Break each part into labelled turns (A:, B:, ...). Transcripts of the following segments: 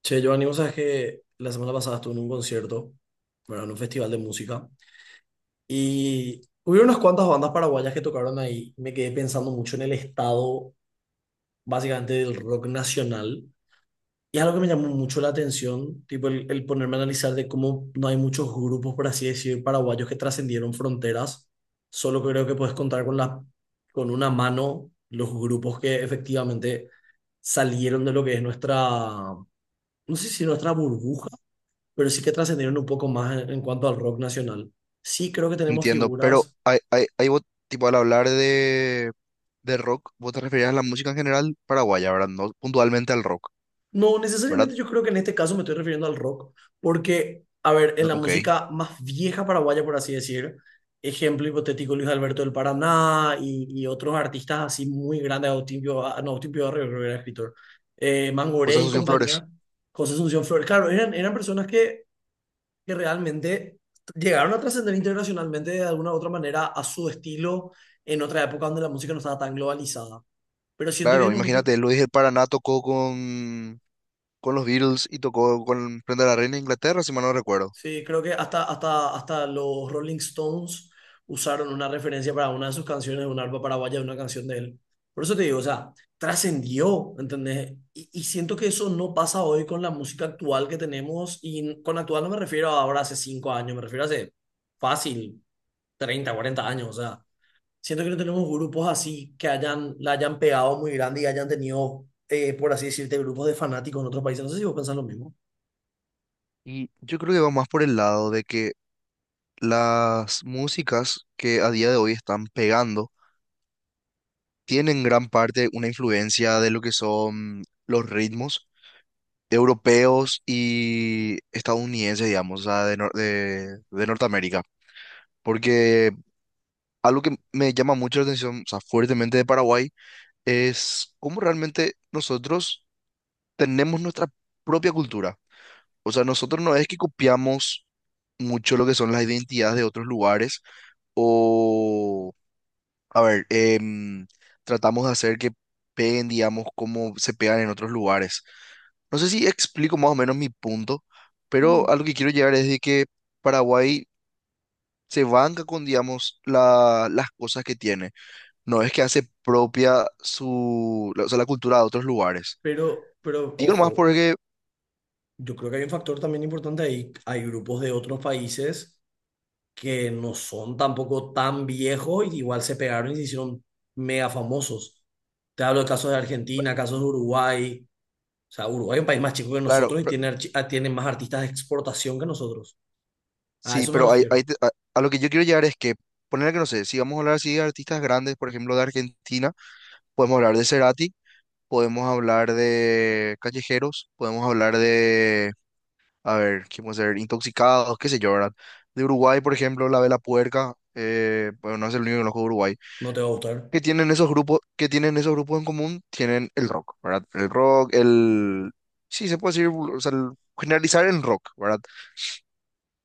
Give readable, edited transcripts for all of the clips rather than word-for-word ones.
A: Che, Giovanni, vos sabés que la semana pasada estuve en un concierto, bueno, en un festival de música, y hubo unas cuantas bandas paraguayas que tocaron ahí. Me quedé pensando mucho en el estado, básicamente, del rock nacional. Y es algo que me llamó mucho la atención, tipo el ponerme a analizar de cómo no hay muchos grupos, por así decir, paraguayos que trascendieron fronteras. Solo creo que puedes contar con con una mano los grupos que efectivamente salieron de lo que es nuestra, no sé si nuestra burbuja, pero sí que trascendieron un poco más en cuanto al rock nacional. Sí creo que tenemos
B: Entiendo, pero
A: figuras.
B: tipo, al hablar de rock, vos te referías a la música en general paraguaya, ¿verdad? No puntualmente al rock,
A: No
B: ¿verdad?
A: necesariamente, yo creo que en este caso me estoy refiriendo al rock, porque, a ver, en
B: No,
A: la
B: ok,
A: música más vieja paraguaya, por así decir, ejemplo hipotético Luis Alberto del Paraná y otros artistas así muy grandes, Agustín Pio, ah, no, Agustín Pio Barrio, creo que era escritor,
B: pues
A: Mangoré y
B: Asunción Flores.
A: compañía, José Asunción Flores, claro, eran personas que realmente llegaron a trascender internacionalmente de alguna u otra manera a su estilo en otra época donde la música no estaba tan globalizada. Pero siento que es
B: Claro,
A: el momento,
B: imagínate, Luis del Paraná tocó con los Beatles y tocó con Prenda la Reina de Inglaterra, si mal no recuerdo.
A: sí, creo que hasta los Rolling Stones usaron una referencia para una de sus canciones, una arpa paraguaya, de una canción de él. Por eso te digo, o sea, trascendió, ¿entendés? Y siento que eso no pasa hoy con la música actual que tenemos, y con actual no me refiero a ahora hace 5 años, me refiero a hace fácil, 30, 40 años, o sea, siento que no tenemos grupos así que hayan, la hayan pegado muy grande y hayan tenido, por así decirte, grupos de fanáticos en otros países. No sé si vos pensás lo mismo,
B: Y yo creo que va más por el lado de que las músicas que a día de hoy están pegando tienen gran parte una influencia de lo que son los ritmos europeos y estadounidenses, digamos, o sea, de, Nor- de Norteamérica. Porque algo que me llama mucho la atención, o sea, fuertemente de Paraguay, es cómo realmente nosotros tenemos nuestra propia cultura. O sea, nosotros no es que copiamos mucho lo que son las identidades de otros lugares o a ver, tratamos de hacer que peguen, digamos, como se pegan en otros lugares. No sé si explico más o menos mi punto, pero a lo que quiero llegar es de que Paraguay se banca con, digamos, las cosas que tiene. No es que hace propia su, o sea, la cultura de otros lugares.
A: pero
B: Digo más
A: ojo,
B: porque,
A: yo creo que hay un factor también importante ahí. Hay grupos de otros países que no son tampoco tan viejos y igual se pegaron y se hicieron mega famosos. Te hablo de casos de Argentina, casos de Uruguay. O sea, Uruguay es un país más chico que
B: claro,
A: nosotros y tiene, tiene más artistas de exportación que nosotros. A
B: sí,
A: eso me
B: pero
A: refiero.
B: a lo que yo quiero llegar es que, ponerle que no sé, si vamos a hablar así de artistas grandes, por ejemplo, de Argentina, podemos hablar de Cerati, podemos hablar de callejeros, podemos hablar de, a ver, ¿qué podemos ser? Intoxicados, qué sé yo, ¿verdad? De Uruguay, por ejemplo, la Vela Puerca, bueno, no es el único que conozco de Uruguay.
A: ¿No te va a gustar?
B: ¿Qué tienen esos grupos, qué tienen esos grupos en común? Tienen el rock, ¿verdad? Sí, se puede decir, o sea, generalizar en rock, ¿verdad?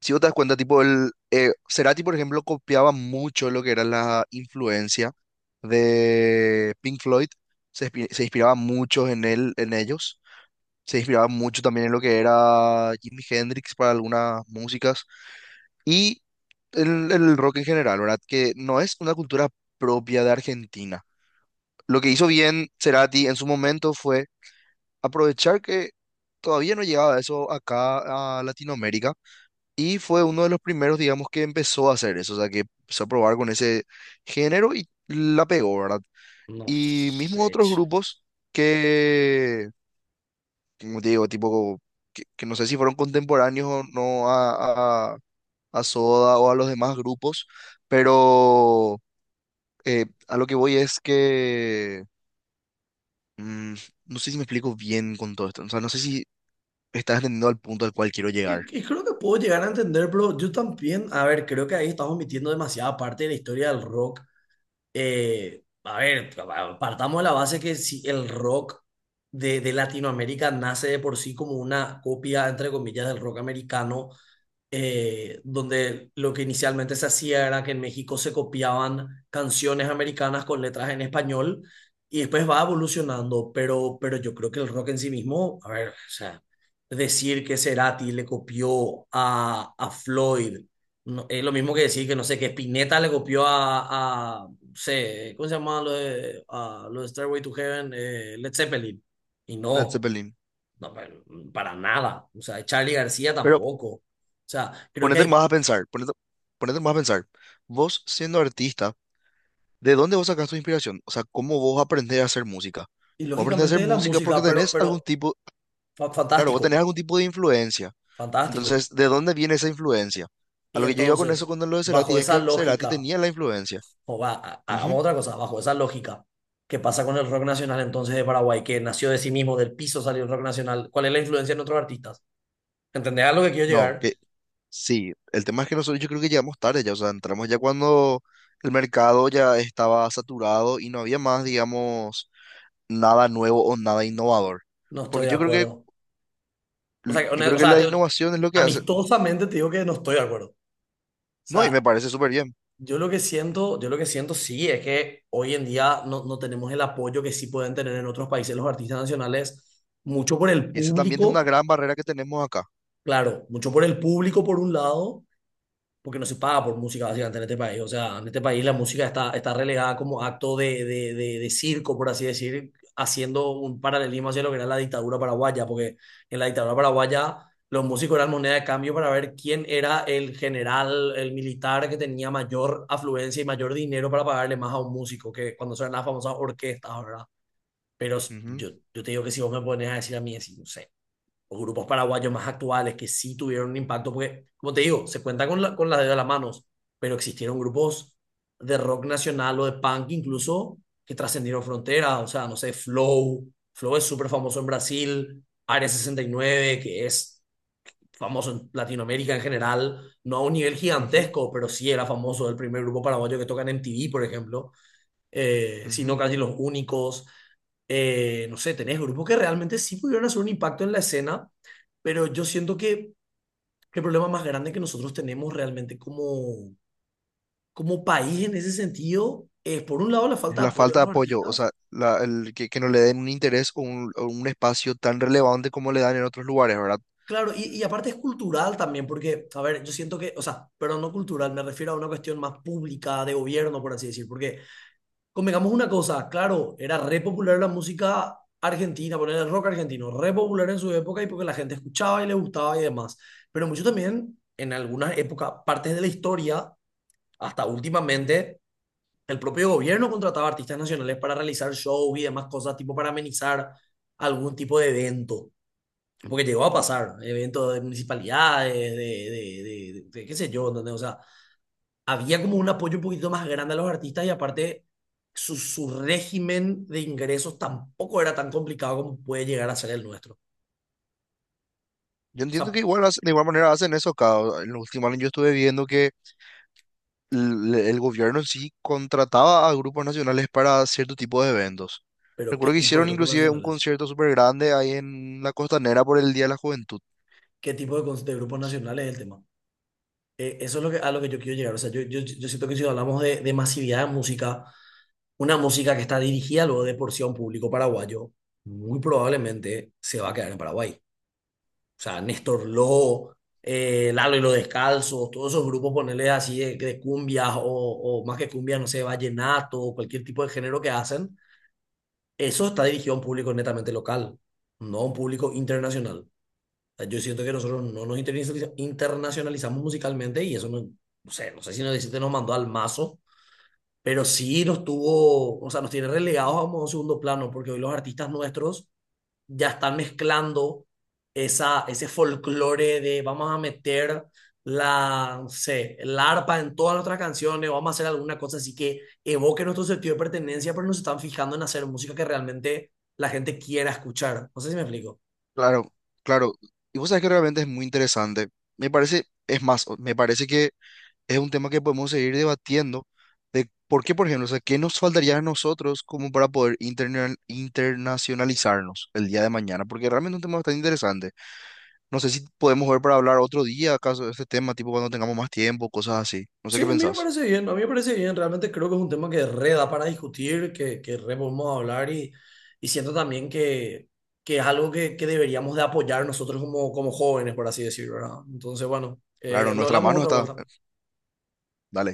B: Si vos te das cuenta, tipo, Cerati, por ejemplo, copiaba mucho lo que era la influencia de Pink Floyd, se inspiraba mucho en él, en ellos, se inspiraba mucho también en lo que era Jimi Hendrix para algunas músicas y el rock en general, ¿verdad? Que no es una cultura propia de Argentina. Lo que hizo bien Cerati en su momento fue aprovechar que todavía no llegaba eso acá a Latinoamérica y fue uno de los primeros, digamos, que empezó a hacer eso, o sea, que empezó a probar con ese género y la pegó, ¿verdad?
A: No
B: Y mismo
A: sé.
B: otros grupos que, como te digo, tipo, que no sé si fueron contemporáneos o no a, a Soda o a los demás grupos, pero a lo que voy es que, mm, no sé si me explico bien con todo esto, o sea, no sé si estás entendiendo al punto al cual quiero llegar.
A: Y creo que puedo llegar a entender, pero yo también, a ver, creo que ahí estamos omitiendo demasiada parte de la historia del rock. A ver, partamos de la base que si el rock de Latinoamérica nace de por sí como una copia, entre comillas, del rock americano, donde lo que inicialmente se hacía era que en México se copiaban canciones americanas con letras en español y después va evolucionando, pero yo creo que el rock en sí mismo, a ver, o sea, decir que Cerati le copió a Floyd, no, es lo mismo que decir que, no sé, que Spinetta le copió a no sé, ¿cómo se llama lo de, a, lo de Stairway to Heaven? Led Zeppelin. Y
B: Led
A: no,
B: Zeppelin,
A: no, para nada. O sea, Charlie García
B: pero
A: tampoco. O sea, creo que
B: ponete más
A: hay,
B: a pensar, ponete más a pensar, vos siendo artista, ¿de dónde vos sacás tu inspiración? O sea, ¿cómo vos aprendés a hacer música?
A: y
B: Vos aprendés a
A: lógicamente
B: hacer
A: de la
B: música porque
A: música, pero,
B: tenés algún
A: pero
B: tipo, claro, vos tenés
A: fantástico,
B: algún tipo de influencia.
A: fantástico.
B: Entonces, ¿de dónde viene esa influencia? A
A: Y
B: lo que yo iba con eso
A: entonces,
B: cuando lo de Cerati
A: bajo
B: es
A: esa
B: que Cerati
A: lógica,
B: tenía la influencia.
A: o va, hagamos
B: Ujú.
A: otra cosa, bajo esa lógica, ¿qué pasa con el rock nacional entonces de Paraguay, que nació de sí mismo, del piso salió el rock nacional? ¿Cuál es la influencia en otros artistas? ¿Entendés a lo que quiero
B: No,
A: llegar?
B: que sí, el tema es que nosotros yo creo que llegamos tarde ya, o sea, entramos ya cuando el mercado ya estaba saturado y no había más, digamos, nada nuevo o nada innovador.
A: No estoy
B: Porque
A: de acuerdo. O sea,
B: yo
A: o
B: creo que
A: sea,
B: la innovación es lo que hace.
A: amistosamente te digo que no estoy de acuerdo. O
B: No, y me
A: sea,
B: parece súper bien.
A: Yo lo que siento sí es que hoy en día no tenemos el apoyo que sí pueden tener en otros países los artistas nacionales, mucho por el
B: Y esa también es una
A: público,
B: gran barrera que tenemos acá.
A: claro, mucho por el público por un lado, porque no se paga por música básicamente en este país. O sea, en este país la música está, está relegada como acto de circo, por así decir, haciendo un paralelismo hacia lo que era la dictadura paraguaya, porque en la dictadura paraguaya los músicos eran moneda de cambio para ver quién era el general, el militar que tenía mayor afluencia y mayor dinero para pagarle más a un músico, que cuando son las famosas orquestas, ¿verdad? Pero
B: Ujú,
A: yo te digo que si vos me pones a decir a mí, así, no sé, o grupos paraguayos más actuales que sí tuvieron un impacto, porque, como te digo, se cuenta con con la dedo de las manos, pero existieron grupos de rock nacional o de punk incluso que trascendieron fronteras, o sea, no sé, Flow es súper famoso en Brasil, Área 69 que es famoso en Latinoamérica en general, no a un nivel
B: ujú,
A: gigantesco, pero sí era famoso el primer grupo paraguayo que toca en MTV, por ejemplo, sino
B: ujú.
A: casi los únicos. No sé, tenés grupos que realmente sí pudieron hacer un impacto en la escena, pero yo siento que el problema más grande que nosotros tenemos realmente como, como país en ese sentido es, por un lado, la
B: Es
A: falta de
B: la
A: apoyo a
B: falta de
A: los
B: apoyo, o
A: artistas.
B: sea, el que no le den un interés o un espacio tan relevante como le dan en otros lugares, ¿verdad?
A: Claro, y aparte es cultural también, porque, a ver, yo siento que, o sea, pero no cultural, me refiero a una cuestión más pública, de gobierno, por así decir, porque convengamos una cosa, claro, era re popular la música argentina, poner el rock argentino, re popular en su época y porque la gente escuchaba y le gustaba y demás. Pero mucho también, en algunas épocas, partes de la historia, hasta últimamente, el propio gobierno contrataba artistas nacionales para realizar shows y demás cosas, tipo para amenizar algún tipo de evento. Porque llegó a pasar, eventos de municipalidades, de qué sé yo, ¿entendés? O sea, había como un apoyo un poquito más grande a los artistas y aparte su régimen de ingresos tampoco era tan complicado como puede llegar a ser el nuestro. O
B: Yo entiendo
A: sea,
B: que igual de igual manera hacen eso acá. O en los últimos años yo estuve viendo que el gobierno en sí contrataba a grupos nacionales para cierto tipo de eventos.
A: pero ¿qué
B: Recuerdo que
A: tipo de
B: hicieron
A: grupos
B: inclusive un
A: nacionales?
B: concierto súper grande ahí en la Costanera por el Día de la Juventud.
A: ¿Qué tipo de grupos nacionales es el tema? Eso es a lo que yo quiero llegar. O sea, yo siento que si hablamos de masividad de música, una música que está dirigida luego de por sí a un público paraguayo, muy probablemente se va a quedar en Paraguay. O sea, Néstor Lobo, Lalo y los Descalzos, todos esos grupos, ponerles así de cumbias o más que cumbias, no sé, vallenato o cualquier tipo de género que hacen, eso está dirigido a un público netamente local, no a un público internacional. O sea, yo siento que nosotros no nos internacionalizamos musicalmente y eso no, no sé, no sé si nos deciste nos mandó al mazo, pero sí nos tuvo, o sea, nos tiene relegados a un segundo plano porque hoy los artistas nuestros ya están mezclando ese folclore de vamos a meter no sé, el arpa en todas nuestras canciones, vamos a hacer alguna cosa así que evoque nuestro sentido de pertenencia, pero nos están fijando en hacer música que realmente la gente quiera escuchar. No sé si me explico.
B: Claro, claro. Y vos sabés que realmente es muy interesante. Me parece, es más, me parece que es un tema que podemos seguir debatiendo de por qué, por ejemplo, o sea, qué nos faltaría a nosotros como para poder internacionalizarnos el día de mañana, porque realmente es un tema bastante interesante. No sé si podemos ver para hablar otro día acaso de este tema, tipo cuando tengamos más tiempo, cosas así. No sé
A: Sí,
B: qué
A: a mí me
B: pensás.
A: parece bien, a mí me parece bien. Realmente creo que es un tema que re da para discutir, que re podemos hablar y siento también que es algo que deberíamos de apoyar nosotros como, como jóvenes, por así decirlo, ¿verdad? Entonces, bueno,
B: Claro, en
A: lo
B: nuestra
A: hablamos
B: mano
A: otra
B: está.
A: vuelta.
B: Dale.